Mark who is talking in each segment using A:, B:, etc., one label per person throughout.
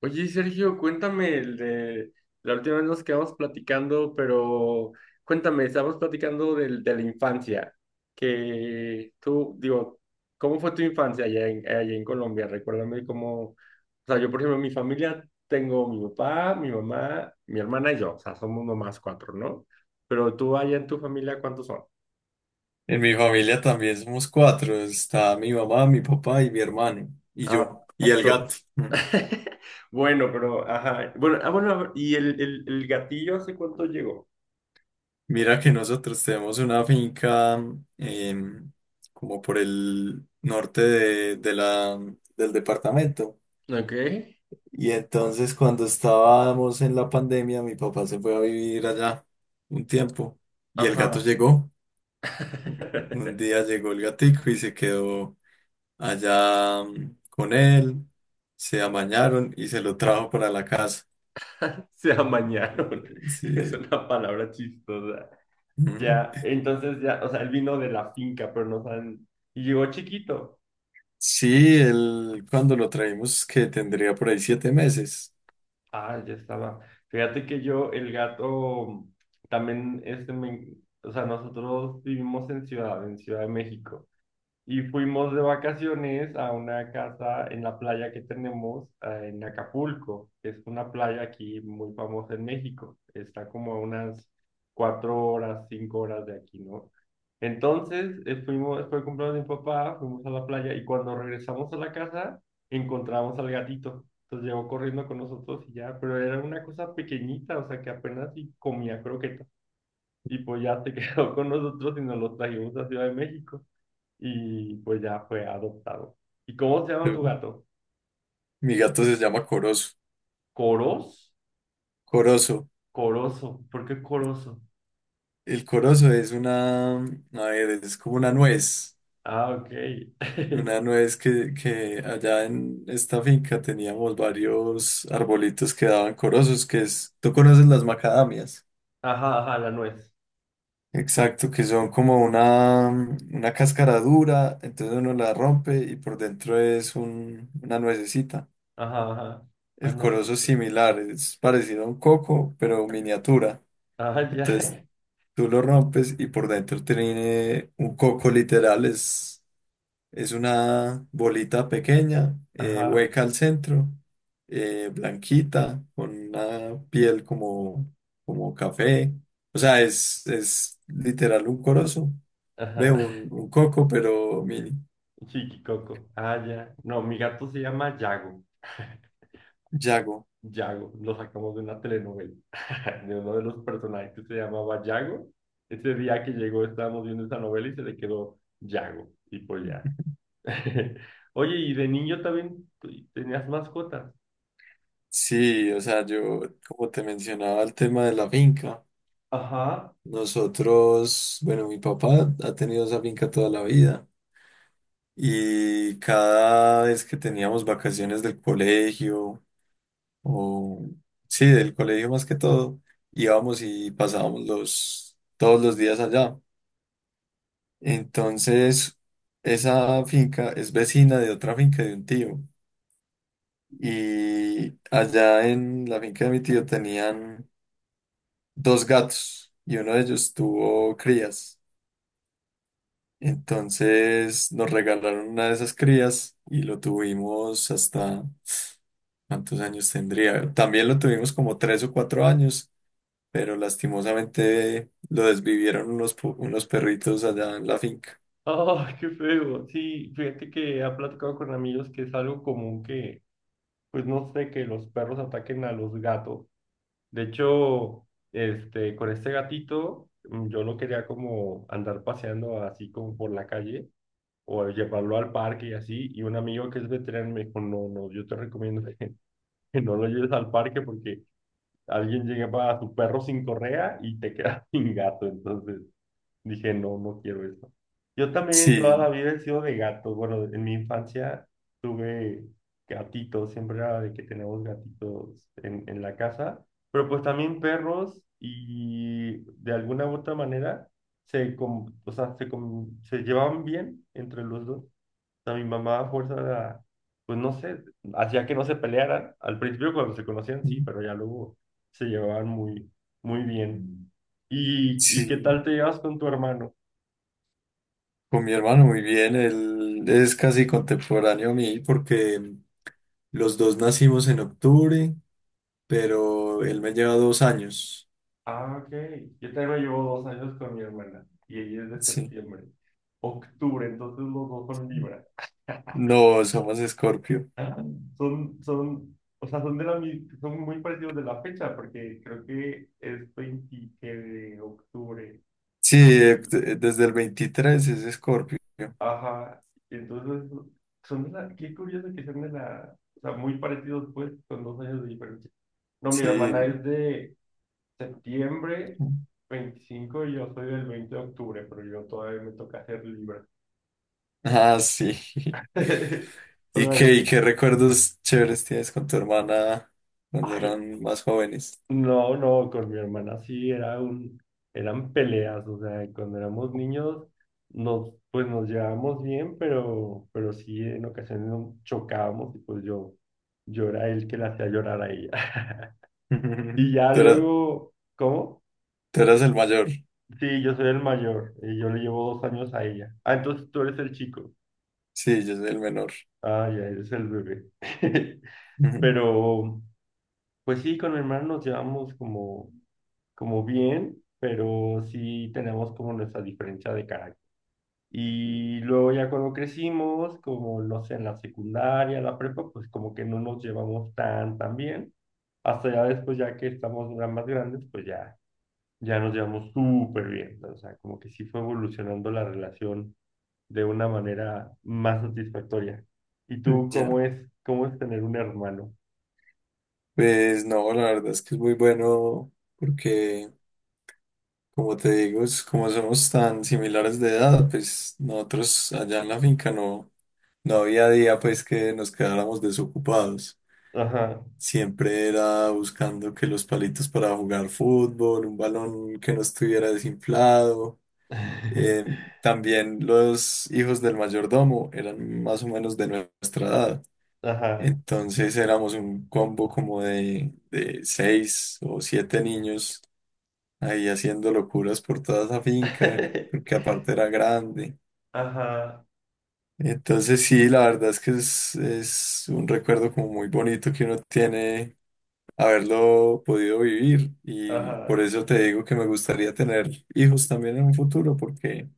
A: Oye, Sergio, cuéntame el de la última vez nos quedamos platicando, pero cuéntame, estábamos platicando de la infancia, que tú, digo, ¿cómo fue tu infancia allá en Colombia? Recuérdame cómo, o sea, yo por ejemplo, en mi familia tengo mi papá, mi mamá, mi hermana y yo, o sea, somos nomás cuatro, ¿no? Pero tú allá en tu familia, ¿cuántos son?
B: En mi familia también somos cuatro. Está mi mamá, mi papá y mi hermano. Y
A: Ah,
B: yo. Y el
A: tú.
B: gato. Mm.
A: Bueno, pero, ajá, bueno, bueno, a ver, ¿y el gatillo hace cuánto llegó?
B: Mira que nosotros tenemos una finca em, como por el norte del departamento.
A: Ok.
B: Y entonces cuando estábamos en la pandemia, mi papá se fue a vivir allá un tiempo. Y el gato
A: Ajá.
B: llegó. Un día llegó el gatico y se quedó allá con él. Se amañaron y se lo trajo para la casa.
A: Se amañaron.
B: Sí.
A: Es una palabra chistosa. Ya,
B: Ujú.
A: entonces ya, o sea, él vino de la finca, pero no saben. Y llegó chiquito.
B: Sí, él cuando lo traímos que tendría por ahí 7 meses.
A: Ah, ya estaba. Fíjate que yo, el gato, también, o sea, nosotros vivimos en Ciudad de México. Y fuimos de vacaciones a una casa en la playa que tenemos en Acapulco, que es una playa aquí muy famosa en México. Está como a unas cuatro horas, cinco horas de aquí, ¿no? Entonces, fue el cumpleaños de mi papá, fuimos a la playa y cuando regresamos a la casa, encontramos al gatito. Entonces llegó corriendo con nosotros y ya, pero era una cosa pequeñita, o sea que apenas y comía croquetas. Y pues ya se quedó con nosotros y nos lo trajimos a Ciudad de México y pues ya fue adoptado. ¿Y cómo se llama
B: Yo-
A: tu gato?
B: Mi gato se llama Corozo.
A: ¿Coros?
B: Corozo.
A: Coroso. ¿Por qué coroso?
B: El corozo es a ver, es como una nuez.
A: Ah, ok.
B: Una nuez que allá en esta finca teníamos varios arbolitos que daban corozos, tú conoces las macadamias.
A: Ajá, ajá, la nuez.
B: Exacto, que son como una cáscara dura, entonces uno la rompe y por dentro es una nuececita.
A: Ajá, ajá. Ah,
B: El
A: no,
B: corozo es
A: súper.
B: similar, es parecido a un coco, pero miniatura.
A: Ah,
B: Entonces
A: ya.
B: tú lo rompes y por dentro tiene un coco literal, es una bolita pequeña,
A: Ajá,
B: hueca al centro, blanquita, con una piel como café. O sea, es literal un corozo, ve
A: ajá.
B: un coco, pero mini.
A: Chiquicoco. Ah, ya. No, mi gato se llama Yago.
B: Yago.
A: Yago, lo sacamos de una telenovela, de uno de los personajes que se llamaba Yago. Ese día que llegó estábamos viendo esa novela y se le quedó Yago. Y pues ya. Oye, ¿y de niño también tenías mascotas?
B: Sí, o sea, yo como te mencionaba el tema de la finca.
A: Ajá,
B: Nosotros, bueno, mi papá ha tenido esa finca toda la vida y cada vez que teníamos vacaciones del colegio o sí, del colegio más que todo, íbamos y pasábamos los todos los días allá. Entonces, esa finca es vecina de otra finca de un tío y allá en la finca de mi tío tenían dos gatos y uno de ellos tuvo crías. Entonces nos regalaron una de esas crías y lo tuvimos hasta, ¿cuántos años tendría? También lo tuvimos como 3 o 4 años, pero lastimosamente lo desvivieron unos perritos allá en la finca.
A: ¡ah, qué feo! Sí, fíjate que ha platicado con amigos que es algo común que, pues no sé, que los perros ataquen a los gatos. De hecho, este, con este gatito, yo lo quería como andar paseando así como por la calle o llevarlo al parque y así. Y un amigo que es veterano me dijo, no, no, yo te recomiendo que, que no lo lleves al parque porque alguien llegaba a su perro sin correa y te quedas sin gato. Entonces dije, no, no quiero eso. Yo también toda la
B: Sí,
A: vida he sido de gato. Bueno, en mi infancia tuve gatitos, siempre era de que tenemos gatitos en la casa, pero pues también perros y de alguna u otra manera o sea, se llevaban bien entre los dos sea, mi mamá a fuerza era, pues no sé, hacía que no se pelearan. Al principio cuando se conocían, sí, pero ya luego se llevaban muy bien. ¿ y
B: sí,
A: qué tal te llevas con tu hermano?
B: con mi hermano muy bien, él es casi contemporáneo a mí porque los dos nacimos en octubre, pero él me lleva 2 años.
A: Ah, ok. Yo también llevo dos años con mi hermana y ella es de
B: Sí,
A: septiembre, octubre, entonces los dos son Libra.
B: no, somos Escorpio.
A: Ah, o sea, son de la, son muy parecidos de la fecha, porque creo que es 20 de octubre,
B: Sí,
A: veinte
B: desde el 23 es Escorpio.
A: ajá, entonces son de la, qué curioso que sean de la, o sea, muy parecidos pues, con dos años de diferencia. No, mi hermana
B: Sí.
A: es de septiembre 25 y yo soy del 20 de octubre, pero yo todavía me toca ser libre.
B: Ah, sí.
A: O
B: ¿Y qué,
A: sea,
B: y qué recuerdos chéveres tienes con tu hermana cuando
A: ay,
B: eran más jóvenes?
A: no, no, con mi hermana sí era un, eran peleas, o sea, cuando éramos niños nos, pues nos llevábamos bien, pero sí en ocasiones nos chocábamos y yo era el que la hacía llorar a ella. Y ya
B: Tú era-
A: luego, ¿cómo?
B: tú eras, el mayor.
A: Sí, yo soy el mayor, y yo le llevo dos años a ella. Ah, entonces tú eres el chico.
B: Sí, yo soy el menor.
A: Ah, ya eres el bebé.
B: Ujú.
A: Pero, pues sí, con mi hermano nos llevamos como bien, pero sí tenemos como nuestra diferencia de carácter. Y luego ya cuando crecimos, como no sé, en la secundaria, la prepa, pues como que no nos llevamos tan bien. Hasta ya después, ya que estamos ya más grandes, ya nos llevamos súper bien. O sea, como que sí fue evolucionando la relación de una manera más satisfactoria. ¿Y tú
B: Ya.
A: cómo es tener un hermano?
B: Pues no, la verdad es que es muy bueno porque, como te digo, como somos tan similares de edad, pues nosotros allá en la finca no, no había día pues que nos quedáramos desocupados.
A: Ajá.
B: Siempre era buscando que los palitos para jugar fútbol, un balón que no estuviera desinflado. Eh, también los hijos del mayordomo eran más o menos de nuestra edad.
A: Ajá.
B: Entonces éramos un combo como de seis o siete niños ahí haciendo locuras por toda esa finca, porque aparte era grande.
A: Ajá.
B: Entonces sí, la verdad es que es un recuerdo como muy bonito que uno tiene haberlo podido vivir. Y por
A: Ajá.
B: eso te digo que me gustaría tener hijos también en un futuro, porque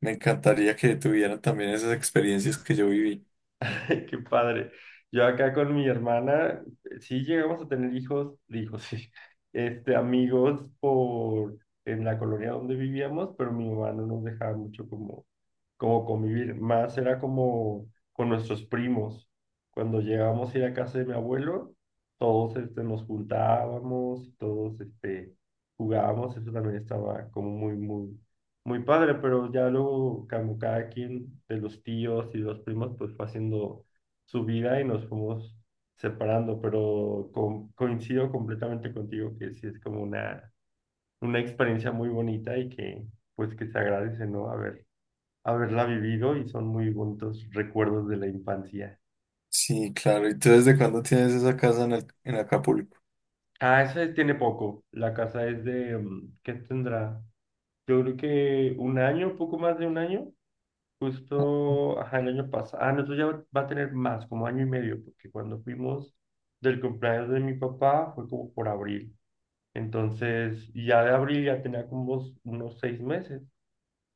B: me encantaría que tuvieran también esas experiencias que yo viví.
A: Qué padre. Yo acá con mi hermana, sí llegamos a tener hijos, digo, sí, este, amigos por en la colonia donde vivíamos, pero mi mamá no nos dejaba mucho como convivir más, era como con nuestros primos. Cuando llegábamos a ir a casa de mi abuelo, todos este, nos juntábamos, todos este, jugábamos, eso también estaba como muy padre, pero ya luego como cada quien de los tíos y los primos pues fue haciendo su vida y nos fuimos separando, pero coincido completamente contigo que sí es como una experiencia muy bonita y que pues que se agradece, ¿no? Haberla vivido y son muy bonitos recuerdos de la infancia.
B: Sí, claro. ¿Y tú desde cuándo tienes esa casa en Acapulco?
A: Ah, esa tiene poco. La casa es de, ¿qué tendrá? Yo creo que un año, poco más de un año. Justo, ajá, el año pasado. Ah, no, eso ya va a tener más, como año y medio, porque cuando fuimos del cumpleaños de mi papá fue como por abril. Entonces, y ya de abril ya tenía como unos seis meses.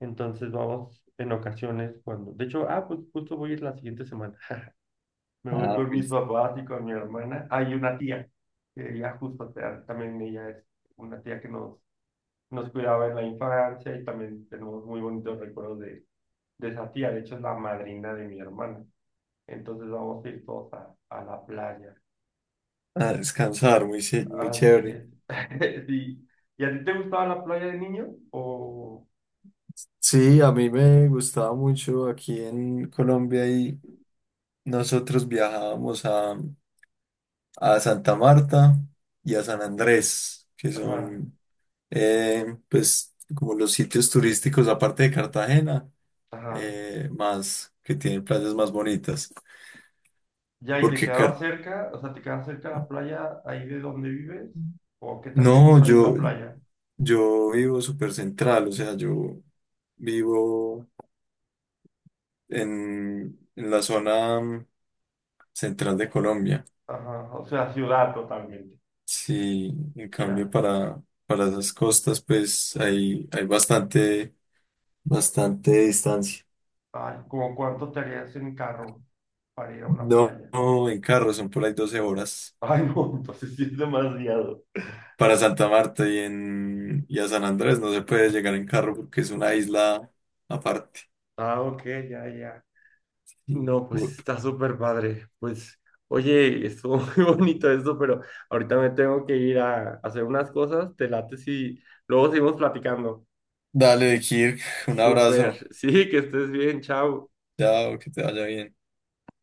A: Entonces vamos en ocasiones cuando, de hecho, ah, pues justo voy a ir la siguiente semana. Me voy
B: Ah,
A: con
B: muy-
A: mis papás y con mi hermana. Hay una tía, que ella justo o sea, también ella es una tía que nos cuidaba en la infancia y también tenemos muy bonitos recuerdos de esa tía. De hecho, es la madrina de mi hermana. Entonces vamos a ir todos a la playa.
B: a descansar, muy
A: Así
B: chévere.
A: es. Sí. ¿Y a ti te gustaba la playa de niño? O...
B: Sí, a mí me gustaba mucho aquí en Colombia y nosotros viajábamos a Santa Marta y a San Andrés, que
A: Ajá,
B: son pues como los sitios turísticos aparte de Cartagena,
A: ajá.
B: más que tienen playas más bonitas.
A: Ya, ¿y te
B: Porque
A: quedabas
B: Car-
A: cerca? O sea, ¿te quedabas cerca de la playa ahí de donde vives? ¿O qué tan lejos
B: no,
A: hay
B: yo,
A: una playa?
B: yo vivo súper central, o sea, yo vivo en la zona central de Colombia.
A: Ajá, o sea, ciudad totalmente.
B: Sí, en cambio
A: Ya.
B: para esas costas, pues hay bastante, bastante distancia.
A: Ay, ¿cómo cuánto te harías en carro para ir a una
B: No,
A: playa?
B: no, en carro son por ahí 12 horas.
A: Ay, no, entonces sí es demasiado.
B: Para Santa Marta y a San Andrés no se puede llegar en carro porque es una isla aparte.
A: Ah, ok, ya, ya.
B: Y,
A: No, pues
B: bu-
A: está súper padre. Pues, oye, estuvo muy bonito esto, pero ahorita me tengo que ir a hacer unas cosas. Te late si luego seguimos platicando.
B: Dale, Kirk, un abrazo.
A: Súper. Sí, que estés bien. Chao.
B: Chao, que te vaya bien.